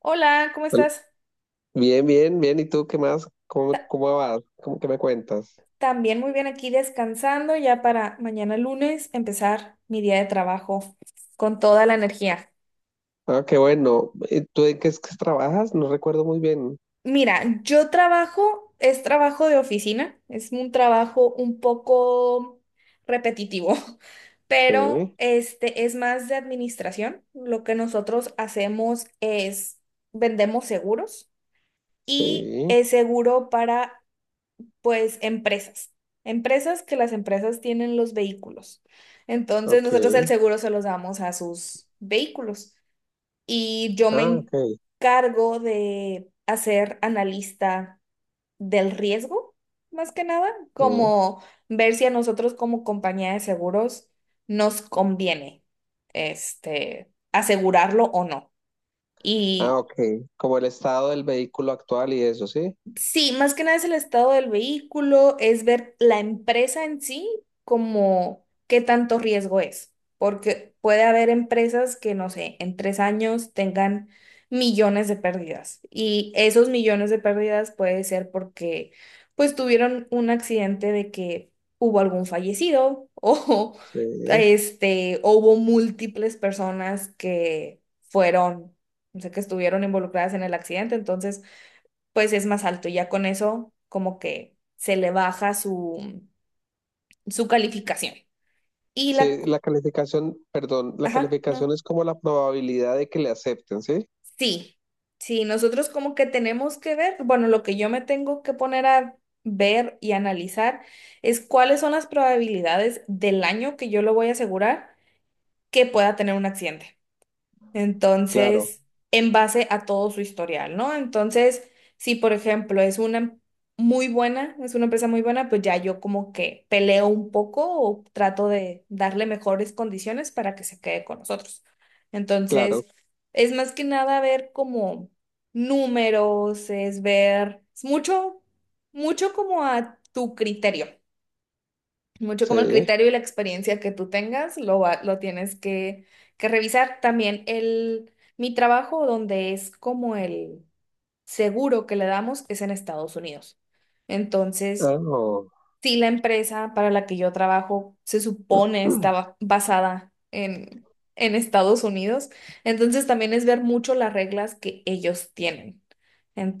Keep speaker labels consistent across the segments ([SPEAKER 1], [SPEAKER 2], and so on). [SPEAKER 1] Hola, ¿cómo
[SPEAKER 2] Al-
[SPEAKER 1] estás?
[SPEAKER 2] Bien, bien, bien. ¿Y tú qué más? ¿Cómo vas? ¿Cómo que me cuentas?
[SPEAKER 1] También muy bien, aquí descansando ya para mañana lunes empezar mi día de trabajo con toda la energía.
[SPEAKER 2] Ah, qué bueno. ¿Tú en qué es que trabajas? No recuerdo muy bien.
[SPEAKER 1] Mira, yo trabajo, es trabajo de oficina, es un trabajo un poco repetitivo, pero
[SPEAKER 2] Sí,
[SPEAKER 1] es más de administración. Lo que nosotros hacemos es vendemos seguros y
[SPEAKER 2] sí,
[SPEAKER 1] es seguro para pues empresas, empresas que, las empresas tienen los vehículos. Entonces nosotros el
[SPEAKER 2] ok.
[SPEAKER 1] seguro se los damos a sus vehículos y yo
[SPEAKER 2] Ah,
[SPEAKER 1] me
[SPEAKER 2] ok.
[SPEAKER 1] encargo de hacer analista del riesgo, más que nada,
[SPEAKER 2] Sí.
[SPEAKER 1] como ver si a nosotros como compañía de seguros nos conviene asegurarlo o no.
[SPEAKER 2] Ah,
[SPEAKER 1] Y
[SPEAKER 2] ok. Como el estado del vehículo actual y eso, ¿sí?
[SPEAKER 1] sí, más que nada es el estado del vehículo, es ver la empresa en sí, como qué tanto riesgo es, porque puede haber empresas que, no sé, en 3 años tengan millones de pérdidas, y esos millones de pérdidas puede ser porque pues tuvieron un accidente de que hubo algún fallecido o
[SPEAKER 2] Sí.
[SPEAKER 1] o hubo múltiples personas que fueron, o sea, que estuvieron involucradas en el accidente. Entonces pues es más alto. Y ya con eso, como que se le baja su, su calificación. Y la,
[SPEAKER 2] Sí, la calificación, perdón, la
[SPEAKER 1] ajá,
[SPEAKER 2] calificación
[SPEAKER 1] no.
[SPEAKER 2] es como la probabilidad de que le acepten, ¿sí?
[SPEAKER 1] Sí, sí, nosotros como que tenemos que ver, bueno, lo que yo me tengo que poner a ver y analizar es cuáles son las probabilidades del año que yo lo voy a asegurar que pueda tener un accidente.
[SPEAKER 2] Claro,
[SPEAKER 1] Entonces, en base a todo su historial, ¿no? Entonces, si por ejemplo es una muy buena, es una empresa muy buena, pues ya yo como que peleo un poco o trato de darle mejores condiciones para que se quede con nosotros.
[SPEAKER 2] claro.
[SPEAKER 1] Entonces, es más que nada ver como números, es ver, es mucho como a tu criterio. Mucho como el
[SPEAKER 2] Sí.
[SPEAKER 1] criterio y la experiencia que tú tengas, lo, lo tienes que revisar. También el, mi trabajo, donde es como el seguro que le damos, es en Estados Unidos.
[SPEAKER 2] Ah,
[SPEAKER 1] Entonces,
[SPEAKER 2] oh.
[SPEAKER 1] sí, la empresa para la que yo trabajo se supone estaba basada en Estados Unidos, entonces también es ver mucho las reglas que ellos tienen.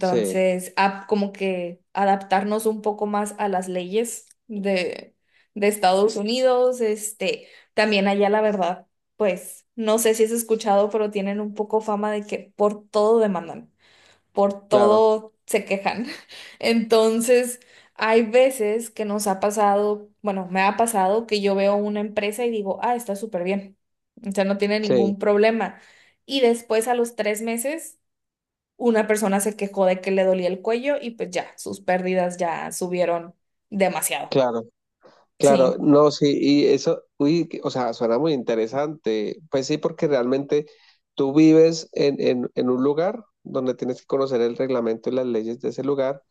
[SPEAKER 2] Sí,
[SPEAKER 1] como que adaptarnos un poco más a las leyes de Estados Unidos, también allá la verdad, pues no sé si has escuchado, pero tienen un poco fama de que por todo demandan, por
[SPEAKER 2] claro,
[SPEAKER 1] todo se quejan. Entonces, hay veces que nos ha pasado, bueno, me ha pasado que yo veo una empresa y digo, ah, está súper bien, o sea, no tiene
[SPEAKER 2] sí,
[SPEAKER 1] ningún problema. Y después a los 3 meses, una persona se quejó de que le dolía el cuello y pues ya, sus pérdidas ya subieron demasiado.
[SPEAKER 2] claro. Claro,
[SPEAKER 1] Sí,
[SPEAKER 2] no, sí, y eso, uy, o sea, suena muy interesante. Pues sí, porque realmente tú vives en un lugar donde tienes que conocer el reglamento y las leyes de ese lugar,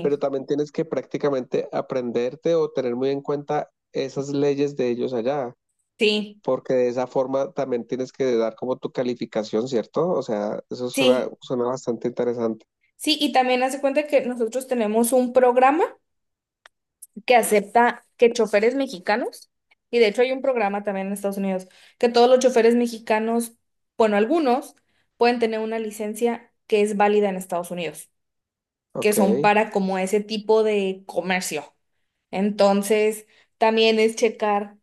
[SPEAKER 2] pero también tienes que prácticamente aprenderte o tener muy en cuenta esas leyes de ellos allá,
[SPEAKER 1] sí,
[SPEAKER 2] porque de esa forma también tienes que dar como tu calificación, ¿cierto? O sea, eso suena,
[SPEAKER 1] sí.
[SPEAKER 2] suena bastante interesante.
[SPEAKER 1] Sí, y también hace cuenta que nosotros tenemos un programa que acepta que choferes mexicanos, y de hecho hay un programa también en Estados Unidos, que todos los choferes mexicanos, bueno, algunos pueden tener una licencia que es válida en Estados Unidos, que
[SPEAKER 2] Ok.
[SPEAKER 1] son para como ese tipo de comercio. Entonces, también es checar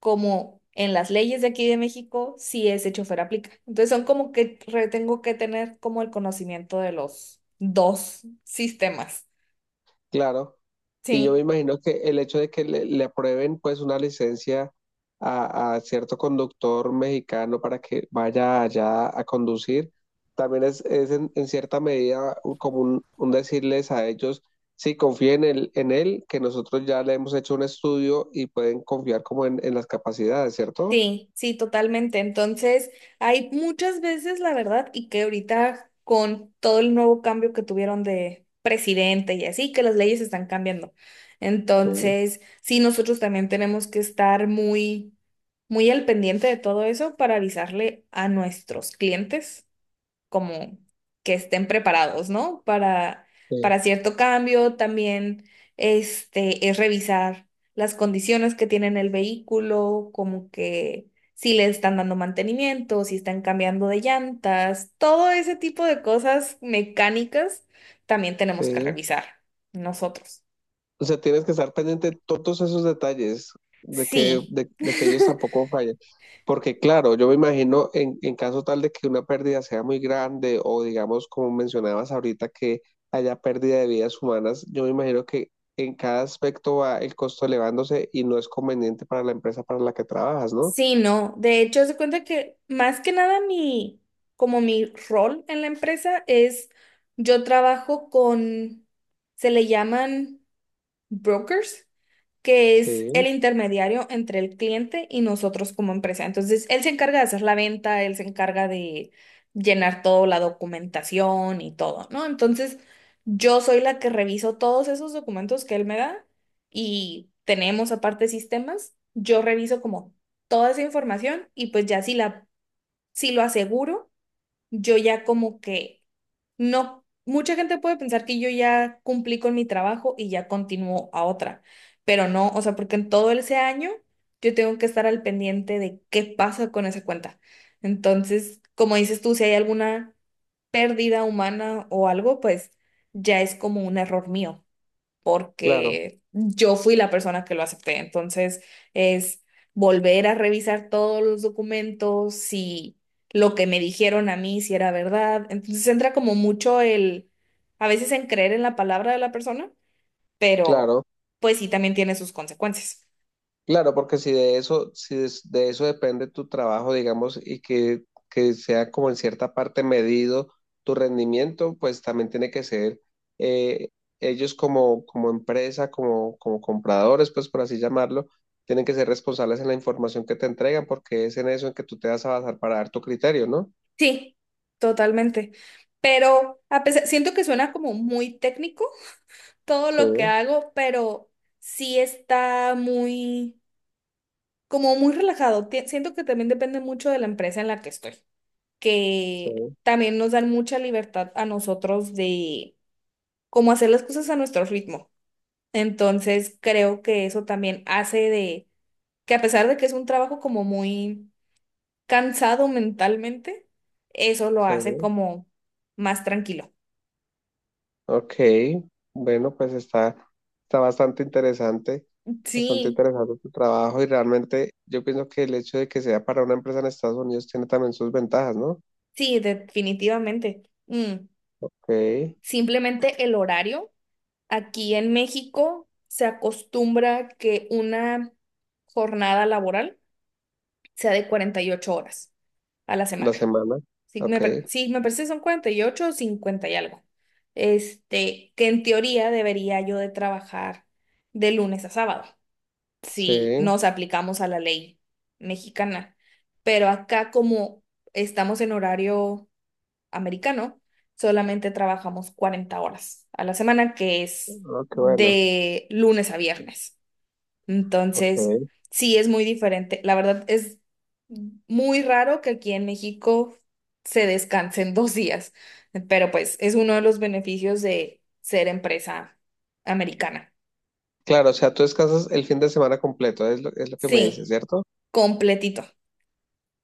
[SPEAKER 1] como en las leyes de aquí de México si ese chofer aplica. Entonces, son como que tengo que tener como el conocimiento de los dos sistemas.
[SPEAKER 2] Claro, y yo me
[SPEAKER 1] Sí,
[SPEAKER 2] imagino que el hecho de que le aprueben pues una licencia a cierto conductor mexicano para que vaya allá a conducir, también es en cierta medida como un decirles a ellos, sí, confíen en él, que nosotros ya le hemos hecho un estudio y pueden confiar como en las capacidades, ¿cierto?
[SPEAKER 1] sí, sí, totalmente. Entonces, hay muchas veces, la verdad, y que ahorita con todo el nuevo cambio que tuvieron de presidente y así, que las leyes están cambiando.
[SPEAKER 2] Sí.
[SPEAKER 1] Entonces, sí, nosotros también tenemos que estar muy, muy al pendiente de todo eso para avisarle a nuestros clientes como que estén preparados, ¿no?
[SPEAKER 2] Sí.
[SPEAKER 1] Para cierto cambio, también es revisar las condiciones que tienen el vehículo, como que si le están dando mantenimiento, si están cambiando de llantas, todo ese tipo de cosas mecánicas también tenemos que
[SPEAKER 2] Sí.
[SPEAKER 1] revisar nosotros.
[SPEAKER 2] O sea, tienes que estar pendiente de todos esos detalles, de que,
[SPEAKER 1] Sí.
[SPEAKER 2] de que ellos tampoco fallen. Porque claro, yo me imagino en caso tal de que una pérdida sea muy grande o digamos, como mencionabas ahorita, que haya pérdida de vidas humanas, yo me imagino que en cada aspecto va el costo elevándose y no es conveniente para la empresa para la que trabajas, ¿no?
[SPEAKER 1] Sí, no. De hecho, se cuenta que más que nada mi, como mi rol en la empresa es, yo trabajo con, se le llaman brokers, que es el
[SPEAKER 2] Sí,
[SPEAKER 1] intermediario entre el cliente y nosotros como empresa. Entonces, él se encarga de hacer la venta, él se encarga de llenar toda la documentación y todo, ¿no? Entonces, yo soy la que reviso todos esos documentos que él me da, y tenemos aparte sistemas, yo reviso como toda esa información y pues ya si la, si lo aseguro yo ya como que no, mucha gente puede pensar que yo ya cumplí con mi trabajo y ya continúo a otra, pero no, o sea, porque en todo ese año yo tengo que estar al pendiente de qué pasa con esa cuenta. Entonces, como dices tú, si hay alguna pérdida humana o algo, pues ya es como un error mío
[SPEAKER 2] claro,
[SPEAKER 1] porque yo fui la persona que lo acepté. Entonces es volver a revisar todos los documentos, si lo que me dijeron a mí si era verdad. Entonces entra como mucho el, a veces, en creer en la palabra de la persona, pero
[SPEAKER 2] claro.
[SPEAKER 1] pues sí también tiene sus consecuencias.
[SPEAKER 2] Claro, porque si de eso, si de, de eso depende tu trabajo, digamos, y que sea como en cierta parte medido tu rendimiento, pues también tiene que ser eh, ellos como, como empresa, como, como compradores, pues por así llamarlo, tienen que ser responsables en la información que te entregan, porque es en eso en que tú te vas a basar para dar tu criterio, ¿no?
[SPEAKER 1] Sí, totalmente. Pero a pesar, siento que suena como muy técnico todo lo que
[SPEAKER 2] Sí,
[SPEAKER 1] hago, pero sí está muy como muy relajado. Siento que también depende mucho de la empresa en la que estoy, que
[SPEAKER 2] sí,
[SPEAKER 1] también nos dan mucha libertad a nosotros de cómo hacer las cosas a nuestro ritmo. Entonces, creo que eso también hace de que a pesar de que es un trabajo como muy cansado mentalmente, eso lo
[SPEAKER 2] sí.
[SPEAKER 1] hace como más tranquilo.
[SPEAKER 2] Ok, bueno, está bastante
[SPEAKER 1] Sí,
[SPEAKER 2] interesante tu trabajo y realmente yo pienso que el hecho de que sea para una empresa en Estados Unidos tiene también sus ventajas, ¿no?
[SPEAKER 1] sí, definitivamente. Mm,
[SPEAKER 2] Ok,
[SPEAKER 1] simplemente el horario. Aquí en México se acostumbra que una jornada laboral sea de 48 horas a la
[SPEAKER 2] la
[SPEAKER 1] semana.
[SPEAKER 2] semana,
[SPEAKER 1] Sí,
[SPEAKER 2] ok,
[SPEAKER 1] sí, me parece que son 48 o 50 y algo. Que en teoría debería yo de trabajar de lunes a sábado,
[SPEAKER 2] sí,
[SPEAKER 1] si nos aplicamos a la ley mexicana. Pero acá como estamos en horario americano, solamente trabajamos 40 horas a la semana, que es
[SPEAKER 2] oh, qué bueno,
[SPEAKER 1] de lunes a viernes. Entonces,
[SPEAKER 2] ok.
[SPEAKER 1] sí es muy diferente. La verdad es muy raro que aquí en México se descansen 2 días, pero pues es uno de los beneficios de ser empresa americana.
[SPEAKER 2] Claro, o sea, tú descansas el fin de semana completo, es lo que me dices,
[SPEAKER 1] Sí,
[SPEAKER 2] ¿cierto?
[SPEAKER 1] completito.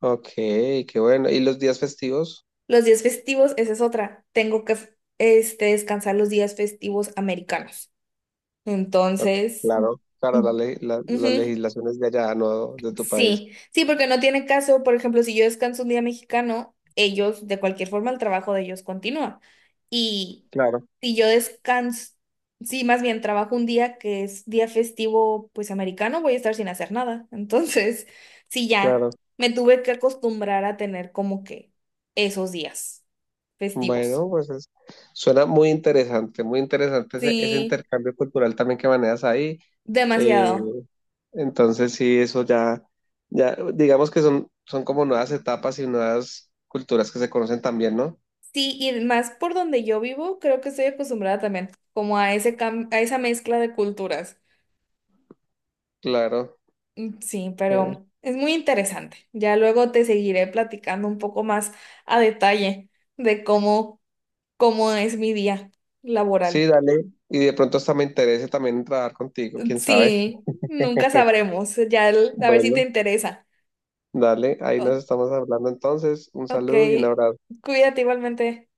[SPEAKER 2] Ok, qué bueno. ¿Y los días festivos?
[SPEAKER 1] Los días festivos, esa es otra. Tengo que descansar los días festivos americanos.
[SPEAKER 2] Ok.
[SPEAKER 1] Entonces,
[SPEAKER 2] Claro, claro,
[SPEAKER 1] mm,
[SPEAKER 2] la, la
[SPEAKER 1] ujú,
[SPEAKER 2] legislación es de allá, no de tu país.
[SPEAKER 1] sí, sí, porque no tiene caso, por ejemplo, si yo descanso un día mexicano, ellos, de cualquier forma, el trabajo de ellos continúa. Y
[SPEAKER 2] Claro,
[SPEAKER 1] si yo descanso, sí, más bien trabajo un día que es día festivo, pues americano, voy a estar sin hacer nada. Entonces, sí, ya
[SPEAKER 2] claro.
[SPEAKER 1] me tuve que acostumbrar a tener como que esos días festivos.
[SPEAKER 2] Bueno, suena muy interesante ese, ese
[SPEAKER 1] Sí,
[SPEAKER 2] intercambio cultural también que manejas ahí. Eh,
[SPEAKER 1] demasiado.
[SPEAKER 2] entonces, sí, ya, digamos que son, son como nuevas etapas y nuevas culturas que se conocen también, ¿no?
[SPEAKER 1] Sí, y más por donde yo vivo, creo que estoy acostumbrada también como a ese a esa mezcla de culturas.
[SPEAKER 2] Claro.
[SPEAKER 1] Mm, sí,
[SPEAKER 2] Sí,
[SPEAKER 1] pero es muy interesante. Ya luego te seguiré platicando un poco más a detalle de cómo, cómo es mi día
[SPEAKER 2] sí,
[SPEAKER 1] laboral.
[SPEAKER 2] dale. Y de pronto hasta me interese también trabajar contigo,
[SPEAKER 1] Mm,
[SPEAKER 2] quién sabe.
[SPEAKER 1] sí, nunca sabremos. Ya a ver si te
[SPEAKER 2] Bueno,
[SPEAKER 1] interesa.
[SPEAKER 2] dale, ahí nos
[SPEAKER 1] O-
[SPEAKER 2] estamos hablando entonces. Un
[SPEAKER 1] ok,
[SPEAKER 2] saludo y un abrazo.
[SPEAKER 1] cuídate igualmente.